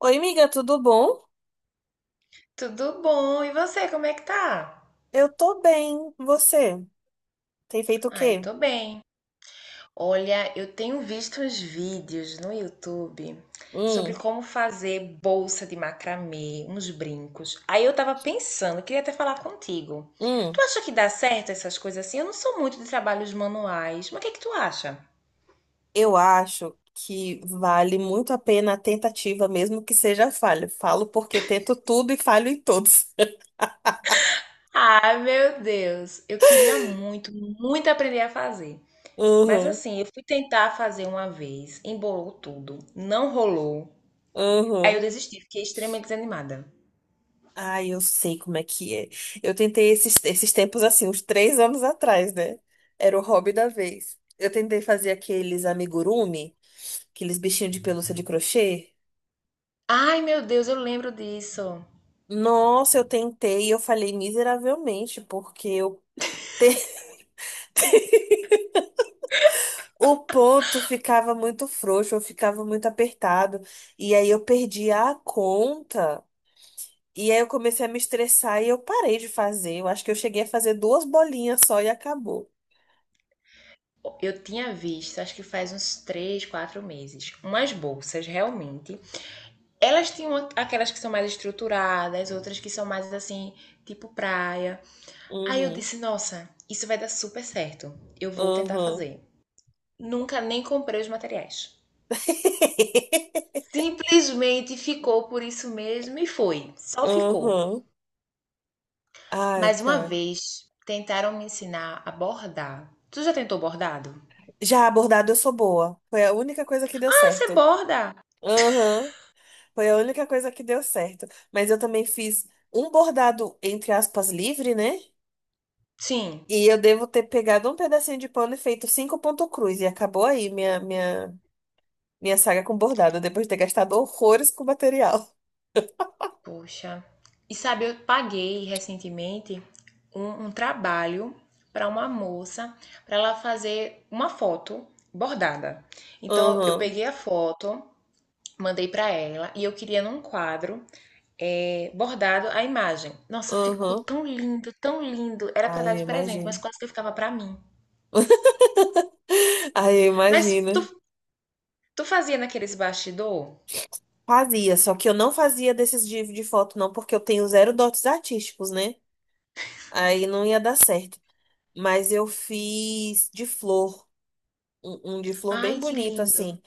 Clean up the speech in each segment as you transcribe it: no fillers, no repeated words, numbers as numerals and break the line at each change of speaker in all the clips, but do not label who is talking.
Oi, amiga, tudo bom?
Tudo bom? E você, como é que tá?
Eu tô bem. Você tem feito o
Ai,
quê?
tô bem. Olha, eu tenho visto uns vídeos no YouTube sobre
Hum,
como fazer bolsa de macramê, uns brincos. Aí eu tava pensando, queria até falar contigo. Tu
hum.
acha que dá certo essas coisas assim? Eu não sou muito de trabalhos manuais, mas o que é que tu acha?
Eu acho que vale muito a pena a tentativa, mesmo que seja falha. Falo porque tento tudo e falho em todos.
Ai, meu Deus, eu queria muito, muito aprender a fazer. Mas
Uhum,
assim, eu fui tentar fazer uma vez, embolou tudo, não rolou. Aí eu
uhum.
desisti, fiquei extremamente desanimada.
Ai, eu sei como é que é. Eu tentei esses tempos assim, uns 3 anos atrás, né? Era o hobby da vez. Eu tentei fazer aqueles amigurumi, aqueles bichinhos de pelúcia de crochê.
Ai, meu Deus, eu lembro disso.
Nossa, eu tentei e eu falei miseravelmente, porque eu te- o ponto ficava muito frouxo, eu ficava muito apertado, e aí eu perdi a conta, e aí eu comecei a me estressar e eu parei de fazer. Eu acho que eu cheguei a fazer duas bolinhas só e acabou.
Eu tinha visto, acho que faz uns 3, 4 meses, umas bolsas realmente. Elas tinham aquelas que são mais estruturadas, outras que são mais assim, tipo praia. Aí eu
Uhum,
disse, nossa, isso vai dar super certo. Eu vou tentar
uhum,
fazer. Nunca nem comprei os materiais. Simplesmente ficou por isso mesmo e foi. Só ficou.
uhum. Ai,
Mais uma
cara.
vez tentaram me ensinar a bordar. Tu já tentou bordado?
Já abordado eu sou boa. Foi a única coisa que deu
Você
certo.
borda?
Uhum. Foi a única coisa que deu certo. Mas eu também fiz um bordado, entre aspas, livre, né?
Sim.
E eu devo ter pegado um pedacinho de pano e feito cinco ponto cruz. E acabou aí minha saga com bordado, depois de ter gastado horrores com material.
Poxa. E sabe, eu paguei recentemente um trabalho para uma moça, para ela fazer uma foto bordada. Então, eu
Aham,
peguei a foto, mandei para ela e eu queria num quadro bordado a imagem. Nossa, ficou
aham.
tão lindo, tão lindo. Era para
Ai,
dar
eu
de presente, mas
imagino.
quase que ficava para mim.
Ai, eu
Mas tu,
imagino.
tu fazia naqueles bastidor?
Fazia, só que eu não fazia desses de, foto, não, porque eu tenho zero dotes artísticos, né? Aí não ia dar certo. Mas eu fiz de flor, um de flor
Ai,
bem
que
bonito,
lindo.
assim.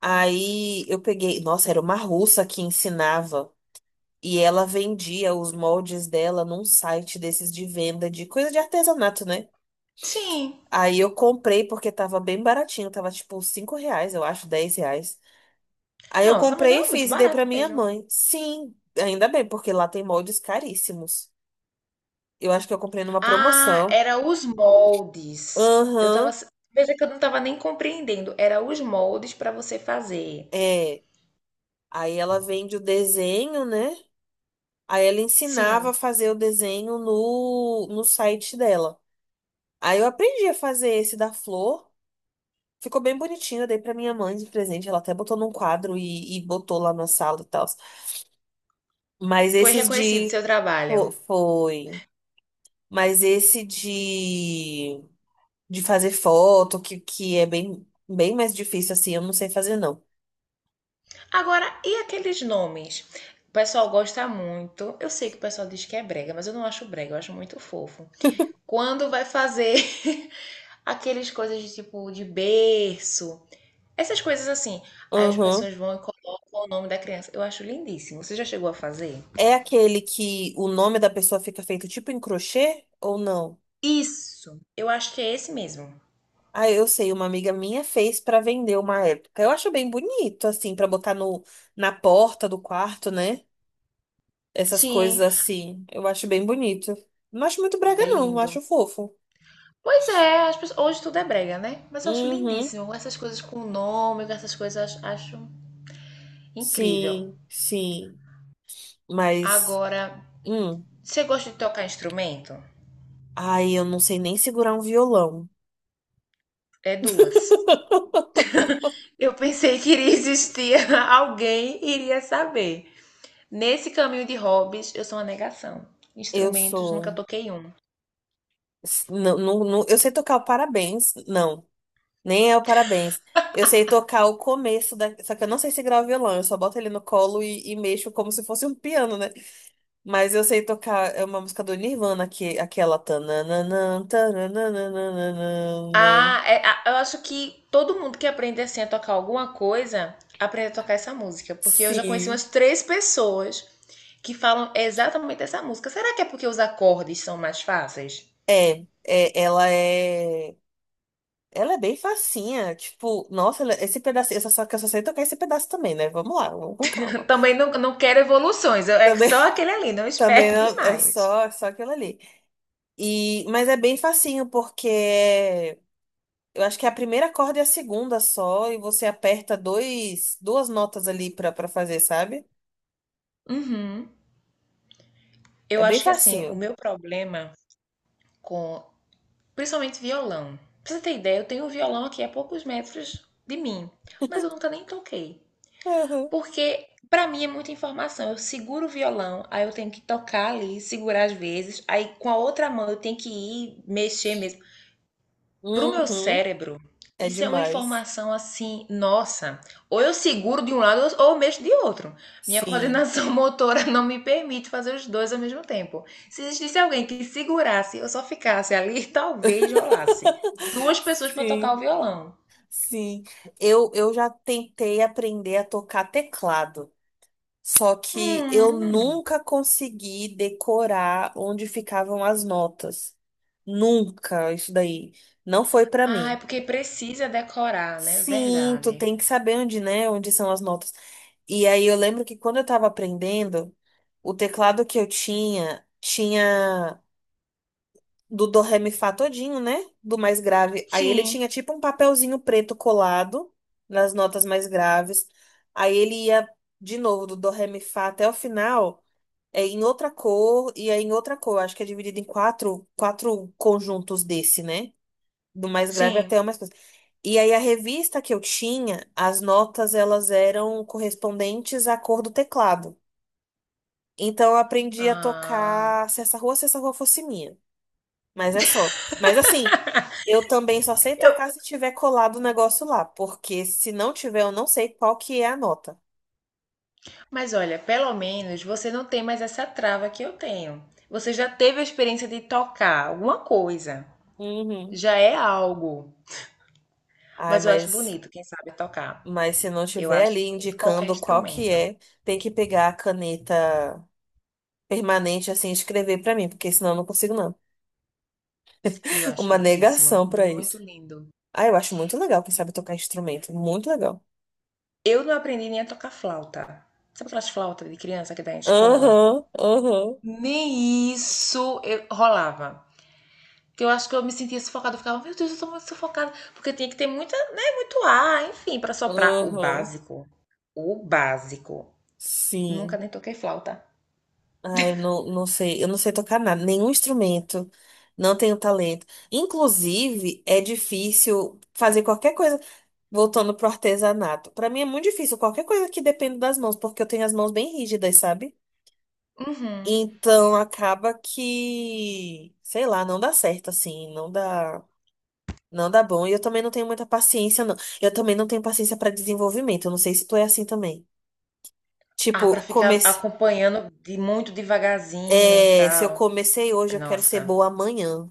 Aí eu peguei, nossa, era uma russa que ensinava e ela vendia os moldes dela num site desses de venda de coisa de artesanato, né?
Sim.
Aí eu comprei porque tava bem baratinho, tava tipo R$ 5, eu acho, R$ 10. Aí eu
Nossa, mas
comprei e
era muito
fiz e dei
barato
pra minha
mesmo.
mãe. Sim, ainda bem, porque lá tem moldes caríssimos. Eu acho que eu comprei numa
Ah,
promoção.
era os moldes. Eu tava.
Aham,
Veja que eu não tava nem compreendendo. Era os moldes para você fazer.
é. Aí ela vende o desenho, né? Aí ela ensinava
Sim,
a fazer o desenho no site dela. Aí eu aprendi a fazer esse da flor. Ficou bem bonitinho, eu dei pra minha mãe de presente. Ela até botou num quadro e botou lá na sala e tal. Mas
foi
esses
reconhecido
de.
seu trabalho.
Foi. Mas esse de. De fazer foto, que é bem, bem mais difícil assim, eu não sei fazer não.
Agora, e aqueles nomes? O pessoal gosta muito. Eu sei que o pessoal diz que é brega, mas eu não acho brega, eu acho muito fofo. Quando vai fazer aqueles coisas de tipo de berço, essas coisas assim. Aí as
Aham.
pessoas vão e colocam o nome da criança. Eu acho lindíssimo. Você já chegou a fazer?
É aquele que o nome da pessoa fica feito tipo em crochê ou não?
Isso, eu acho que é esse mesmo.
Ah, eu sei, uma amiga minha fez pra vender uma época. Eu acho bem bonito, assim, pra botar no, na porta do quarto, né? Essas coisas
Sim,
assim. Eu acho bem bonito. Não acho muito brega,
é
não. Eu
lindo.
acho fofo.
Pois é, hoje tudo é brega, né? Mas eu acho
Uhum.
lindíssimo. Essas coisas com nome, com essas coisas, eu acho incrível.
Sim, sim. Mas,
Agora,
hum.
você gosta de tocar instrumento?
Ai, eu não sei nem segurar um violão.
É duas. Eu pensei que iria existir alguém iria saber. Nesse caminho de hobbies, eu sou uma negação.
Eu
Instrumentos, nunca
sou.
toquei um.
Não, não, não- eu sei tocar o parabéns. Não, nem é o parabéns. Eu sei tocar o começo da. Só que eu não sei segurar o violão, eu só boto ele no colo e mexo como se fosse um piano, né? Mas eu sei tocar. É uma música do Nirvana, que, aquela. Tananana, tananana.
Ah, é, eu acho que todo mundo que aprende assim a tocar alguma coisa, aprende a tocar essa música, porque eu já conheci umas
Sim,
três pessoas que falam exatamente essa música. Será que é porque os acordes são mais fáceis?
é, é, ela é bem facinha, tipo, nossa, esse pedacinho, eu só, só que eu só sei tocar esse pedaço também, né? Vamos lá, vamos com calma.
Também não, não quero evoluções, é
Também,
só aquele ali, não
também
espere
não, é
demais.
só, é só aquilo ali. E, mas é bem facinho porque eu acho que a primeira corda é a segunda só e você aperta dois, duas notas ali pra, pra fazer, sabe?
Uhum.
É
Eu
bem
acho que assim, o
facinho.
meu problema com, principalmente violão. Pra você ter ideia, eu tenho um violão aqui a poucos metros de mim, mas eu nunca nem toquei.
Uhum,
Porque pra mim é muita informação. Eu seguro o violão, aí eu tenho que tocar ali, segurar às vezes, aí com a outra mão eu tenho que ir mexer mesmo. Pro meu
uhum,
cérebro,
é
isso é uma
demais.
informação assim, nossa. Ou eu seguro de um lado ou eu mexo de outro. Minha
Sim,
coordenação motora não me permite fazer os dois ao mesmo tempo. Se existisse alguém que segurasse, eu só ficasse ali, talvez rolasse. Duas pessoas pra tocar o
sim.
violão.
Sim, eu já tentei aprender a tocar teclado, só que
Hum.
eu
Hum.
nunca consegui decorar onde ficavam as notas. Nunca, isso daí não foi pra
Ah, é
mim.
porque precisa decorar, né?
Sim, tu
Verdade.
tem que saber onde, né, onde são as notas. E aí eu lembro que quando eu tava aprendendo, o teclado que eu tinha tinha do do ré mi fá todinho, né? Do mais grave. Aí ele
Sim,
tinha tipo um papelzinho preto colado nas notas mais graves. Aí ele ia de novo do do ré mi fá até o final, é em outra cor e aí em outra cor. Acho que é dividido em quatro, quatro conjuntos desse, né? Do mais grave
sim.
até o mais coisa. E aí a revista que eu tinha, as notas elas eram correspondentes à cor do teclado. Então eu aprendi a
Ah.
tocar Se Essa Rua, Se Essa Rua Fosse Minha. Mas é só. Mas assim, eu também só sei
Eu
tocar se tiver colado o negócio lá, porque se não tiver, eu não sei qual que é a nota.
mas olha, pelo menos você não tem mais essa trava que eu tenho. Você já teve a experiência de tocar alguma coisa.
Uhum.
Já é algo.
Ai,
Mas eu acho bonito quem sabe tocar.
mas se não
Eu
tiver ali
acho bonito qualquer
indicando qual que
instrumento.
é, tem que pegar a caneta permanente assim e escrever pra mim, porque senão eu não consigo não.
E eu acho
Uma
lindíssimo,
negação pra
muito
isso.
lindo.
Ah, eu acho muito legal quem sabe tocar instrumento, muito legal.
Eu não aprendi nem a tocar flauta. Sabe aquelas flautas de criança que dá em escola?
Aham, aham,
Nem isso eu rolava. Que eu acho que eu me sentia sufocada. Eu ficava, meu Deus, eu tô muito sufocada. Porque tinha que ter muita, né, muito ar, enfim, pra soprar. O
aham.
básico. O básico. Nunca
Sim.
nem toquei flauta.
Ah, eu não, não sei, eu não sei tocar nada, nenhum instrumento, não tenho talento. Inclusive, é difícil fazer qualquer coisa, voltando pro artesanato. Para mim é muito difícil qualquer coisa que dependa das mãos, porque eu tenho as mãos bem rígidas, sabe?
Uhum.
Então acaba que, sei lá, não dá certo assim, não dá, não dá bom. E eu também não tenho muita paciência, não. Eu também não tenho paciência para desenvolvimento. Eu não sei se tu é assim também.
Ah, pra
Tipo,
ficar
comecei,
acompanhando de muito devagarzinho,
é, se eu
tal.
comecei hoje, eu quero ser
Nossa.
boa amanhã.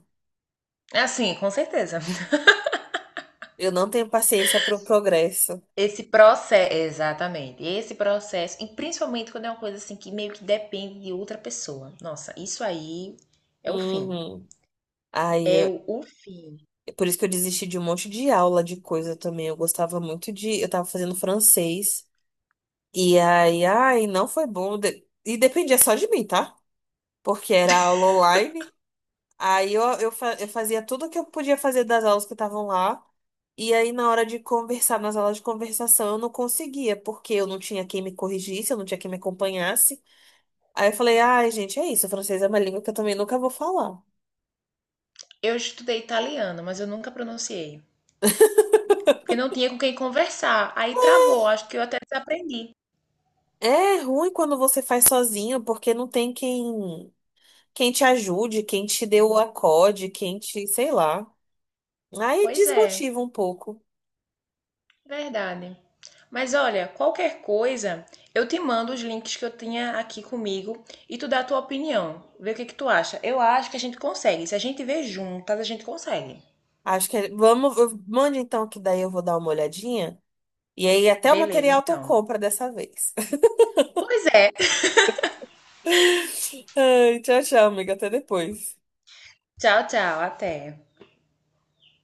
É assim, com certeza.
Eu não tenho paciência pro progresso.
Esse processo, exatamente. Esse processo, e principalmente quando é uma coisa assim que meio que depende de outra pessoa. Nossa, isso aí é o fim.
Uhum. Aí,
É o fim.
por isso que eu desisti de um monte de aula de coisa também. Eu gostava muito de. Eu tava fazendo francês. E aí, ai, não foi bom. E dependia só de mim, tá? Porque era aula online. Aí eu eu fazia tudo o que eu podia fazer das aulas que estavam lá. E aí, na hora de conversar, nas aulas de conversação, eu não conseguia, porque eu não tinha quem me corrigisse, eu não tinha quem me acompanhasse. Aí eu falei, ai, gente, é isso, francês é uma língua que eu também nunca vou falar.
Eu estudei italiano, mas eu nunca pronunciei. Porque não tinha com quem conversar. Aí travou, acho que eu até desaprendi.
É ruim quando você faz sozinho, porque não tem quem, te ajude, quem te dê o acorde, quem te, sei lá. Aí
Pois é,
desmotiva um pouco.
verdade. Mas olha, qualquer coisa, eu te mando os links que eu tinha aqui comigo e tu dá a tua opinião. Vê o que que tu acha. Eu acho que a gente consegue. Se a gente vê juntas, a gente consegue.
Acho que vamos, mande então que daí eu vou dar uma olhadinha. E aí até o
Beleza,
material tu
então.
compra dessa vez.
Pois é.
Ai, tchau, tchau, amiga, até depois.
Tchau, tchau. Até.